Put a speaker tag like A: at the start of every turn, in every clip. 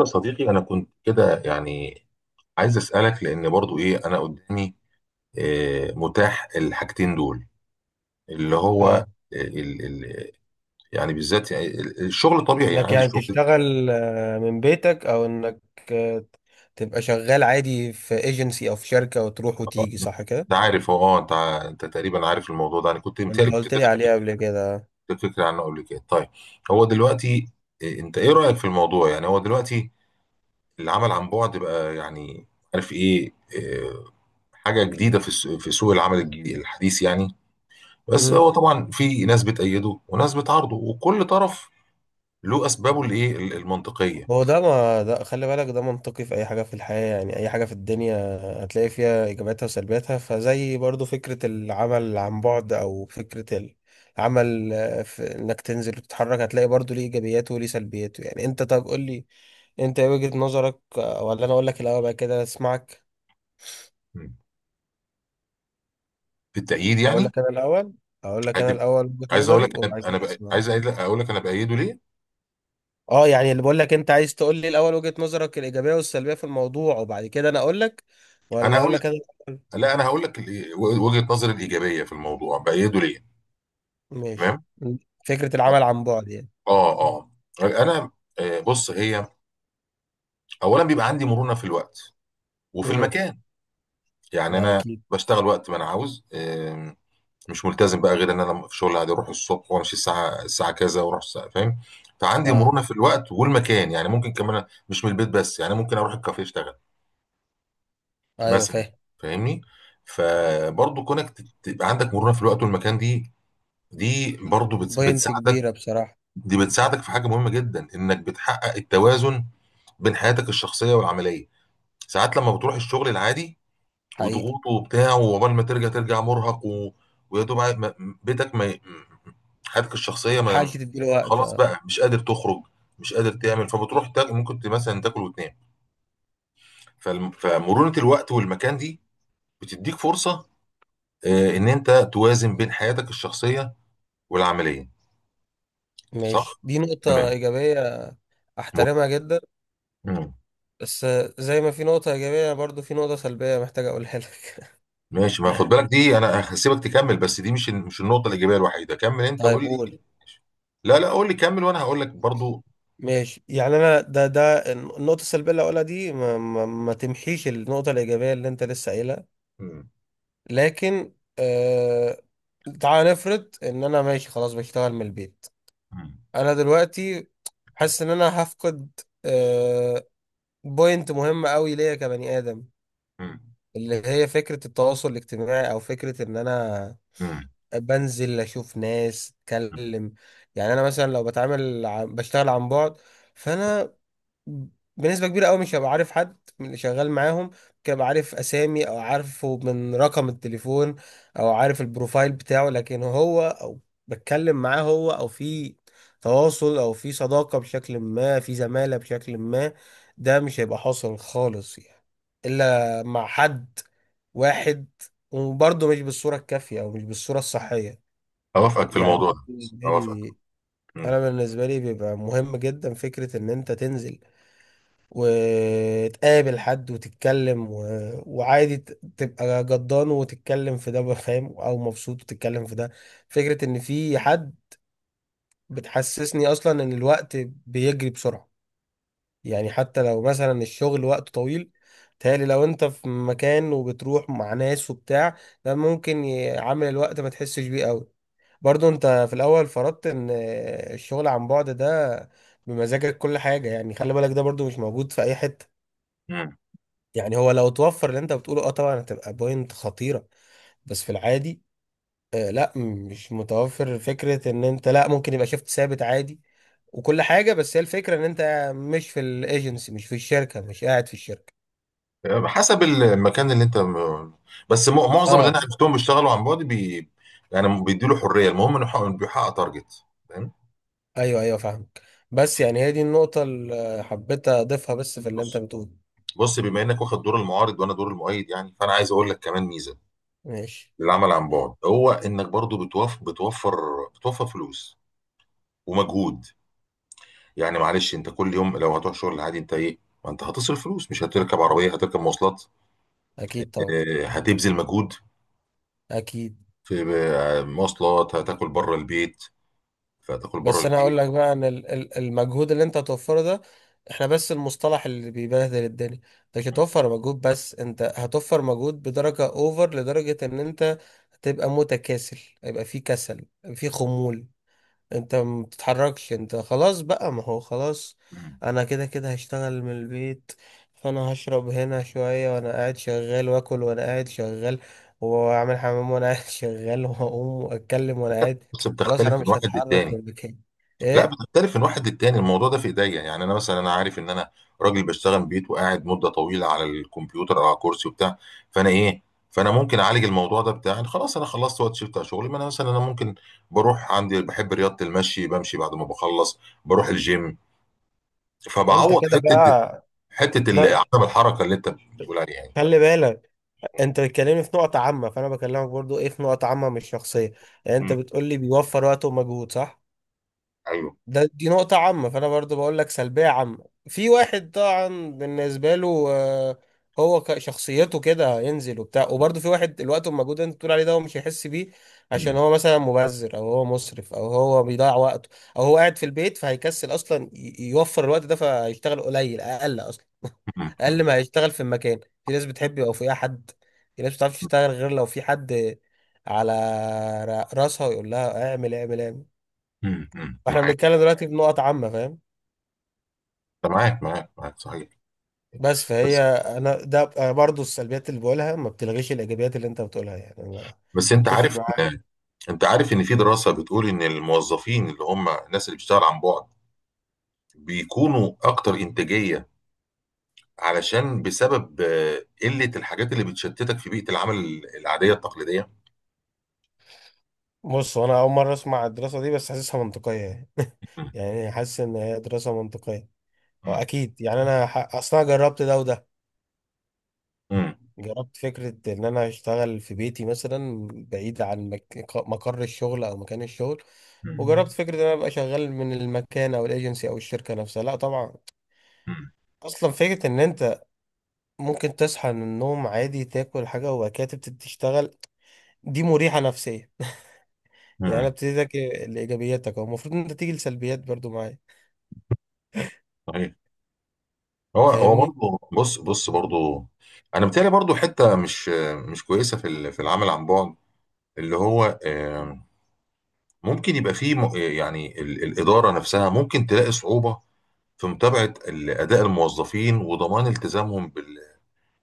A: يا صديقي، انا كنت كده يعني عايز اسالك، لان برضو ايه، انا قدامي متاح الحاجتين دول اللي هو
B: اه
A: ال يعني، بالذات يعني الشغل طبيعي يعني
B: انك
A: عندي
B: يعني
A: الشغل.
B: تشتغل من بيتك، او انك آه، تبقى شغال عادي في ايجنسي او في شركة وتروح وتيجي، صح كده؟
A: انت عارف، هو انت تقريبا عارف الموضوع ده. انا كنت متهيألي
B: انت
A: كنت
B: قلت لي
A: اديتك
B: عليه قبل كده.
A: فكره عنه قبل كده. طيب، هو دلوقتي انت ايه رايك في الموضوع؟ يعني هو دلوقتي العمل عن بعد بقى، يعني عارف ايه، آه، حاجه جديده في في سوق العمل الحديث يعني. بس
B: امم.
A: هو طبعا في ناس بتأيده وناس بتعارضه، وكل طرف له اسبابه الايه المنطقيه.
B: هو ده، ما ده خلي بالك، ده منطقي في اي حاجة في الحياة، يعني اي حاجة في الدنيا هتلاقي فيها ايجاباتها وسلبياتها، فزي برضو فكرة العمل عن بعد او فكرة العمل، في انك تنزل وتتحرك هتلاقي برضو ليه ايجابياته وليه سلبياته. يعني انت، طب قول لي انت ايه وجهة نظرك، ولا انا اقول لك الاول بقى كده اسمعك؟
A: مم. في التأييد
B: اقول
A: يعني،
B: لك انا الاول اقول لك انا
A: عاد-
B: الاول وجهة
A: عايز اقول لك
B: نظري
A: انا،
B: وبعد كده اسمع.
A: عايز أقول لك، أقول لك انا بأيده ليه.
B: اه، يعني اللي بقول لك، انت عايز تقول لي الاول وجهة نظرك الايجابيه والسلبيه في الموضوع وبعد كده انا اقول لك،
A: انا
B: ولا اقول
A: هقول،
B: لك انا الأول؟
A: لا انا هقول لك وجهة نظري الايجابيه في الموضوع، بأيده ليه.
B: ماشي.
A: تمام.
B: فكره العمل عن بعد يعني.
A: اه اه. انا بص، هي اولا بيبقى عندي مرونه في الوقت وفي
B: امم.
A: المكان. يعني انا
B: اكيد.
A: بشتغل وقت ما انا عاوز، مش ملتزم بقى، غير ان انا في شغل عادي اروح الصبح وامشي الساعه الساعه كذا واروح الساعه، فاهم؟ فعندي
B: اه.
A: مرونه في الوقت والمكان. يعني ممكن كمان مش من البيت بس، يعني ممكن اروح الكافيه اشتغل
B: ايوه،
A: مثلا،
B: فاهم.
A: فاهمني؟ فبرضه كونك تبقى عندك مرونه في الوقت والمكان، دي دي برضه
B: بوينت
A: بتساعدك.
B: كبيره بصراحه.
A: دي بتساعدك في حاجه مهمه جدا، انك بتحقق التوازن بين حياتك الشخصيه والعمليه. ساعات لما بتروح الشغل العادي
B: حقيقي.
A: وضغوط وبتاع، وعقبال ما ترجع ترجع مرهق و، ويا دوب بيتك ما ي- حياتك
B: ما
A: الشخصيه ما،
B: تلحقش تديله وقت،
A: خلاص
B: اه.
A: بقى مش قادر تخرج، مش قادر تعمل، فبتروح تاكل، ممكن مثلا تاكل وتنام. فمرونه الوقت والمكان دي بتديك فرصه ان انت توازن بين حياتك الشخصيه والعمليه،
B: ماشي،
A: صح؟
B: دي نقطه
A: تمام.
B: ايجابيه.
A: مه-
B: احترمها جدا.
A: مم.
B: بس زي ما في نقطه ايجابيه برضو في نقطه سلبيه، محتاج اقولها لك.
A: ماشي، ما خد بالك، دي انا هسيبك تكمل، بس دي مش مش النقطه الايجابيه الوحيده. كمل انت،
B: طيب،
A: قول لي.
B: قول.
A: لا لا، قول لي كمل وانا هقول لك برضو.
B: ماشي، يعني انا ده النقطه السلبيه اللي هقولها دي ما تمحيش النقطه الايجابيه اللي انت لسه قايلها.
A: مم.
B: لكن تعال نفرض ان انا ماشي خلاص بشتغل من البيت.
A: مم.
B: انا دلوقتي حاسس ان انا هفقد آه بوينت مهمه قوي ليا كبني ادم،
A: مم.
B: اللي هي فكره التواصل الاجتماعي، او فكره ان انا
A: مم.
B: بنزل اشوف ناس، اتكلم. يعني انا مثلا لو بشتغل عن بعد، فانا بنسبة كبيرة قوي مش هبقى عارف حد من اللي شغال معاهم. ممكن ابقى عارف اسامي، او عارفه من رقم التليفون، او عارف البروفايل بتاعه، لكن هو، او بتكلم معاه هو، او في تواصل او في صداقة بشكل ما، في زمالة بشكل ما، ده مش هيبقى حاصل خالص، يعني الا مع حد واحد، وبرضه مش بالصورة الكافية او مش بالصورة الصحية.
A: أوافقك في
B: يعني
A: الموضوع ده، أوافقك. مم.
B: انا بالنسبة لي بيبقى مهم جدا فكرة ان انت تنزل وتقابل حد وتتكلم، وعادي تبقى جدان وتتكلم في ده، فاهم، او مبسوط وتتكلم في ده. فكرة ان في حد بتحسسني اصلا ان الوقت بيجري بسرعة، يعني حتى لو مثلا الشغل وقت طويل، تهيألي لو انت في مكان وبتروح مع ناس وبتاع، ده ممكن عامل الوقت ما تحسش بيه قوي. برضو انت في الاول فرضت ان الشغل عن بعد ده بمزاجك كل حاجة، يعني خلي بالك، ده برضو مش موجود في اي حتة.
A: مم.
B: يعني هو لو توفر اللي انت بتقوله، اه، طبعا هتبقى بوينت خطيرة، بس في العادي لا مش متوفر فكرة ان انت، لا ممكن يبقى شيفت ثابت عادي وكل حاجة، بس هي الفكرة ان انت مش في الايجنسي، مش في الشركة، مش قاعد في الشركة.
A: حسب المكان اللي أنت، بس معظم اللي أنا
B: اه،
A: عرفتهم بيشتغلوا عن بعد بي... يعني بيديله حرية، المهم إنه بيحقق تارجت، فاهم؟
B: ايوه، ايوه، فاهمك. بس يعني هي دي النقطة اللي حبيت اضيفها بس في اللي انت
A: بص،
B: بتقوله.
A: بص، بما إنك واخد دور المعارض وأنا دور المؤيد، يعني فأنا عايز أقول لك كمان ميزة
B: ماشي.
A: للعمل عن بعد. هو إنك برضو بتوف... بتوفر، بتوفر فلوس ومجهود. يعني معلش، أنت كل يوم لو هتروح شغل عادي أنت إيه، ما أنت هتصرف فلوس، مش هتركب عربية هتركب مواصلات،
B: اكيد طبعا.
A: هتبذل مجهود
B: اكيد.
A: في مواصلات، هتاكل بره البيت، فهتاكل بره
B: بس انا هقول
A: البيت.
B: لك بقى ان المجهود اللي انت هتوفره ده، احنا بس المصطلح اللي بيبهدل الدنيا. انت مش هتوفر مجهود بس، انت هتوفر مجهود بدرجة اوفر، لدرجة ان انت هتبقى متكاسل. هيبقى في كسل، في خمول. انت ما بتتحركش، انت خلاص بقى، ما هو خلاص
A: مم.
B: انا كده كده هشتغل من البيت، فانا هشرب هنا شوية وانا قاعد شغال، واكل وانا قاعد شغال، واعمل حمام وانا قاعد شغال، واقوم واتكلم وانا قاعد.
A: بص،
B: خلاص،
A: بتختلف
B: انا
A: من
B: مش
A: واحد
B: هتحرك
A: للتاني.
B: من مكاني.
A: لا،
B: ايه،
A: بتختلف من واحد للتاني الموضوع ده، في ايديا. يعني انا مثلا، انا عارف ان انا راجل بشتغل من البيت وقاعد مده طويله على الكمبيوتر او على كرسي وبتاع، فانا ايه، فانا ممكن اعالج الموضوع ده بتاع إن خلاص انا خلصت وقت شيفت على شغلي. ما انا مثلا انا ممكن بروح، عندي بحب رياضه المشي، بمشي بعد ما بخلص بروح الجيم،
B: انت
A: فبعوض
B: كده
A: حته
B: بقى. ده
A: عدم الحركه اللي انت بتقول عليها يعني.
B: خلي بالك، انت بتكلمني في نقطة عامة، فانا بكلمك برضو ايه، في نقطة عامة مش شخصية. يعني انت
A: مم.
B: بتقولي بيوفر وقت ومجهود، صح،
A: ايوه.
B: دي نقطة عامة. فأنا برضو بقول لك سلبية عامة، في واحد طبعا بالنسبة له، هو شخصيته كده هينزل وبتاع، وبرضو في واحد الوقت والمجهود اللي انت بتقول عليه ده هو مش هيحس بيه، عشان
A: مم.
B: هو مثلا مبذر، أو هو مسرف، أو هو بيضيع وقته، أو هو قاعد في البيت فهيكسل أصلا يوفر الوقت ده، فهيشتغل قليل، أقل أصلا. أقل
A: مم.
B: ما هيشتغل. في المكان في ناس بتحب يبقى فيها حد، في ناس بتعرفش تشتغل غير لو في حد على راسها ويقول لها اعمل اعمل اعمل.
A: امم، أمم،
B: فاحنا
A: معاك.
B: بنتكلم دلوقتي بنقط عامة، فاهم.
A: معاك معاك معاك، صحيح.
B: بس فهي،
A: بس.
B: انا ده أنا برضو السلبيات اللي بقولها ما بتلغيش الايجابيات اللي انت بتقولها. يعني انا
A: بس انت
B: متفق
A: عارف
B: معاك.
A: ان، انت عارف ان في دراسه بتقول ان الموظفين، اللي هم الناس اللي بتشتغل عن بعد، بيكونوا اكتر انتاجيه، علشان بسبب قله الحاجات اللي بتشتتك في بيئه العمل العاديه التقليديه.
B: بص، انا اول مره اسمع الدراسه دي، بس حاسسها منطقيه يعني.
A: أمم،
B: يعني حاسس ان هي دراسه منطقيه. هو اكيد، يعني انا اصلا جربت ده وده.
A: أمم،
B: جربت فكره ان انا اشتغل في بيتي مثلا بعيد عن مقر الشغل او مكان الشغل،
A: أمم،
B: وجربت فكره ان انا ابقى شغال من المكان او الايجنسي او الشركه نفسها. لا طبعا،
A: أمم،
B: اصلا فكره ان انت ممكن تصحى من النوم عادي، تاكل حاجة، وبعد كده تبتدي تشتغل، دي مريحة نفسيا. يعني انا
A: أمم،
B: ابتديتك لإيجابياتك، او المفروض ان انت تيجي لسلبيات برضو معايا،
A: صحيح. هو هو
B: فاهمني.
A: برضه، بص بص برضه، انا بتهيألي برضه حته مش مش كويسه في في العمل عن بعد، اللي هو ممكن يبقى فيه يعني الإدارة نفسها ممكن تلاقي صعوبة في متابعة أداء الموظفين وضمان التزامهم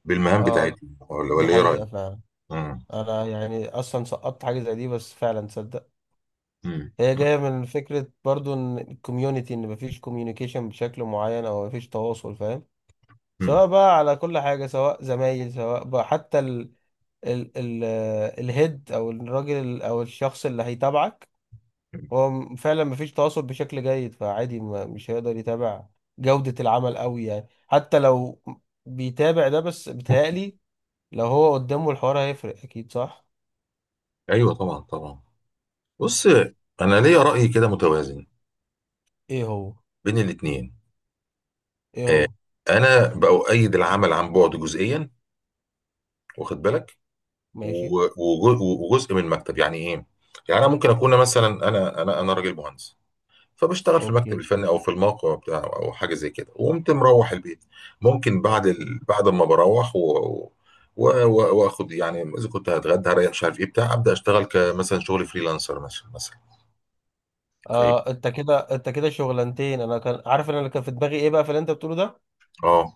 A: بالمهام
B: اه،
A: بتاعتهم، ولا
B: دي
A: ولا إيه رأيك؟
B: حقيقة فعلا.
A: مم.
B: انا يعني اصلا سقطت حاجة زي دي، بس فعلا تصدق،
A: مم.
B: هي جاية من فكرة برضو ان الكوميونتي، ان مفيش كوميونيكيشن بشكل معين، او مفيش تواصل، فاهم،
A: مم.
B: سواء بقى على كل حاجة، سواء زمايل، سواء بقى حتى ال ال ال الهيد او الراجل او الشخص اللي هيتابعك. هو فعلا مفيش تواصل بشكل جيد، فعادي ما مش هيقدر يتابع جودة العمل قوي، يعني حتى لو بيتابع ده بس، بيتهيألي لو هو قدامه الحوار هيفرق، أكيد، صح؟
A: أيوه طبعا طبعا. بص، أنا ليا رأي كده متوازن
B: إيه هو؟
A: بين الاتنين.
B: إيه
A: آه،
B: هو؟
A: أنا بأؤيد العمل عن بعد جزئيا، واخد بالك؟
B: ماشي.
A: وجزء من المكتب، يعني إيه؟ يعني أنا ممكن أكون مثلا، أنا راجل مهندس فبشتغل في المكتب
B: أوكي.
A: الفني او في الموقع بتاعه او حاجه زي كده، وقمت مروح البيت. ممكن بعد
B: أوكي.
A: ال... بعد ما بروح و... و... و... واخد يعني، اذا كنت هتغدى هريح مش عارف ايه بتاع، ابدا اشتغل كمثلا شغل فريلانسر مثلا مثلا، فاهم؟
B: أنت كده شغلانتين. أنا كان عارف، إن أنا كان في دماغي إيه بقى في اللي أنت بتقوله ده،
A: اه.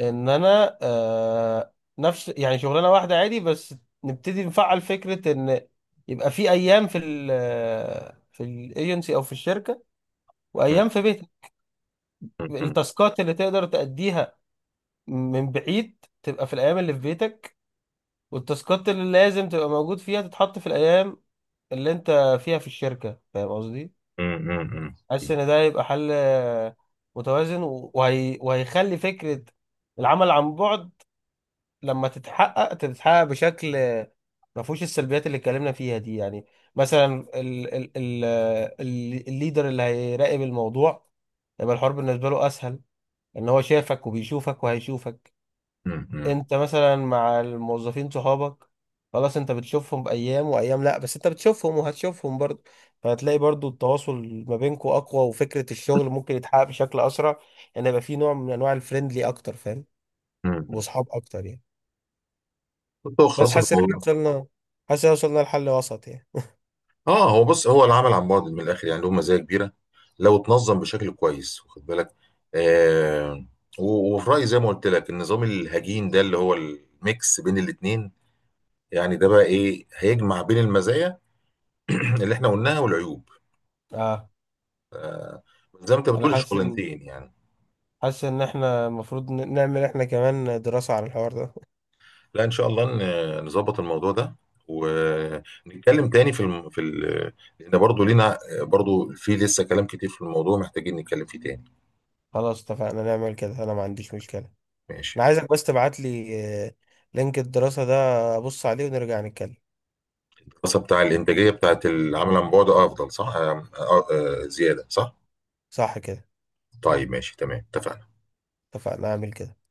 B: إن أنا نفس، يعني شغلانة واحدة عادي، بس نبتدي نفعل فكرة إن يبقى في أيام في الايجنسي أو في الشركة،
A: م-
B: وايام في بيتك.
A: م- م-
B: التاسكات اللي تقدر تأديها من بعيد تبقى في الايام اللي في بيتك، والتاسكات اللي لازم تبقى موجود فيها تتحط في الايام اللي انت فيها في الشركة، فاهم قصدي.
A: م- م- م-
B: حاسس
A: م-
B: ان ده هيبقى حل متوازن، وهيخلي فكرة العمل عن بعد لما تتحقق بشكل ما فيهوش السلبيات اللي اتكلمنا فيها دي. يعني مثلا الليدر اللي هيراقب الموضوع، يبقى الحوار بالنسبة له اسهل، ان هو شافك وبيشوفك وهيشوفك.
A: م- م-
B: انت مثلا مع الموظفين صحابك، خلاص انت بتشوفهم بايام وايام لا، بس انت بتشوفهم وهتشوفهم برضه، فهتلاقي برضه التواصل ما بينكم اقوى، وفكرة الشغل ممكن يتحقق بشكل اسرع، ان يبقى في نوع من انواع الفريندلي اكتر، فاهم،
A: م- م.
B: واصحاب اكتر يعني.
A: كنت
B: بس
A: خلاص في
B: حاسس ان احنا
A: الموضوع.
B: وصلنا، حاسس ان وصلنا لحل وسط يعني.
A: اه، هو بص، هو العمل عن بعد من الاخر يعني له مزايا كبيره لو اتنظم بشكل كويس، واخد بالك؟ آه، و- وفي رايي زي ما قلت لك، النظام الهجين ده اللي هو الميكس بين الاثنين، يعني ده بقى ايه، هيجمع بين المزايا اللي احنا قلناها والعيوب،
B: اه،
A: زي ما انت
B: انا
A: بتقول
B: حاسس ان
A: الشغلانتين يعني.
B: احنا المفروض نعمل احنا كمان دراسة على الحوار ده.
A: لا ان شاء الله، نظبط الموضوع ده، ونتكلم تاني في الم... في ال... لان برضه لينا برضه في لسه كلام كتير في الموضوع محتاجين نتكلم فيه تاني.
B: خلاص اتفقنا نعمل كده، انا ما عنديش مشكلة.
A: ماشي.
B: انا عايزك بس تبعت لي آه، لينك الدراسة ده، ابص عليه ونرجع نتكلم.
A: الدراسة بتاع الإنتاجية بتاعت العمل عن بعد أفضل، صح؟ زيادة صح؟
B: صح كده.
A: طيب ماشي تمام، اتفقنا.
B: اتفقنا، اعمل كده.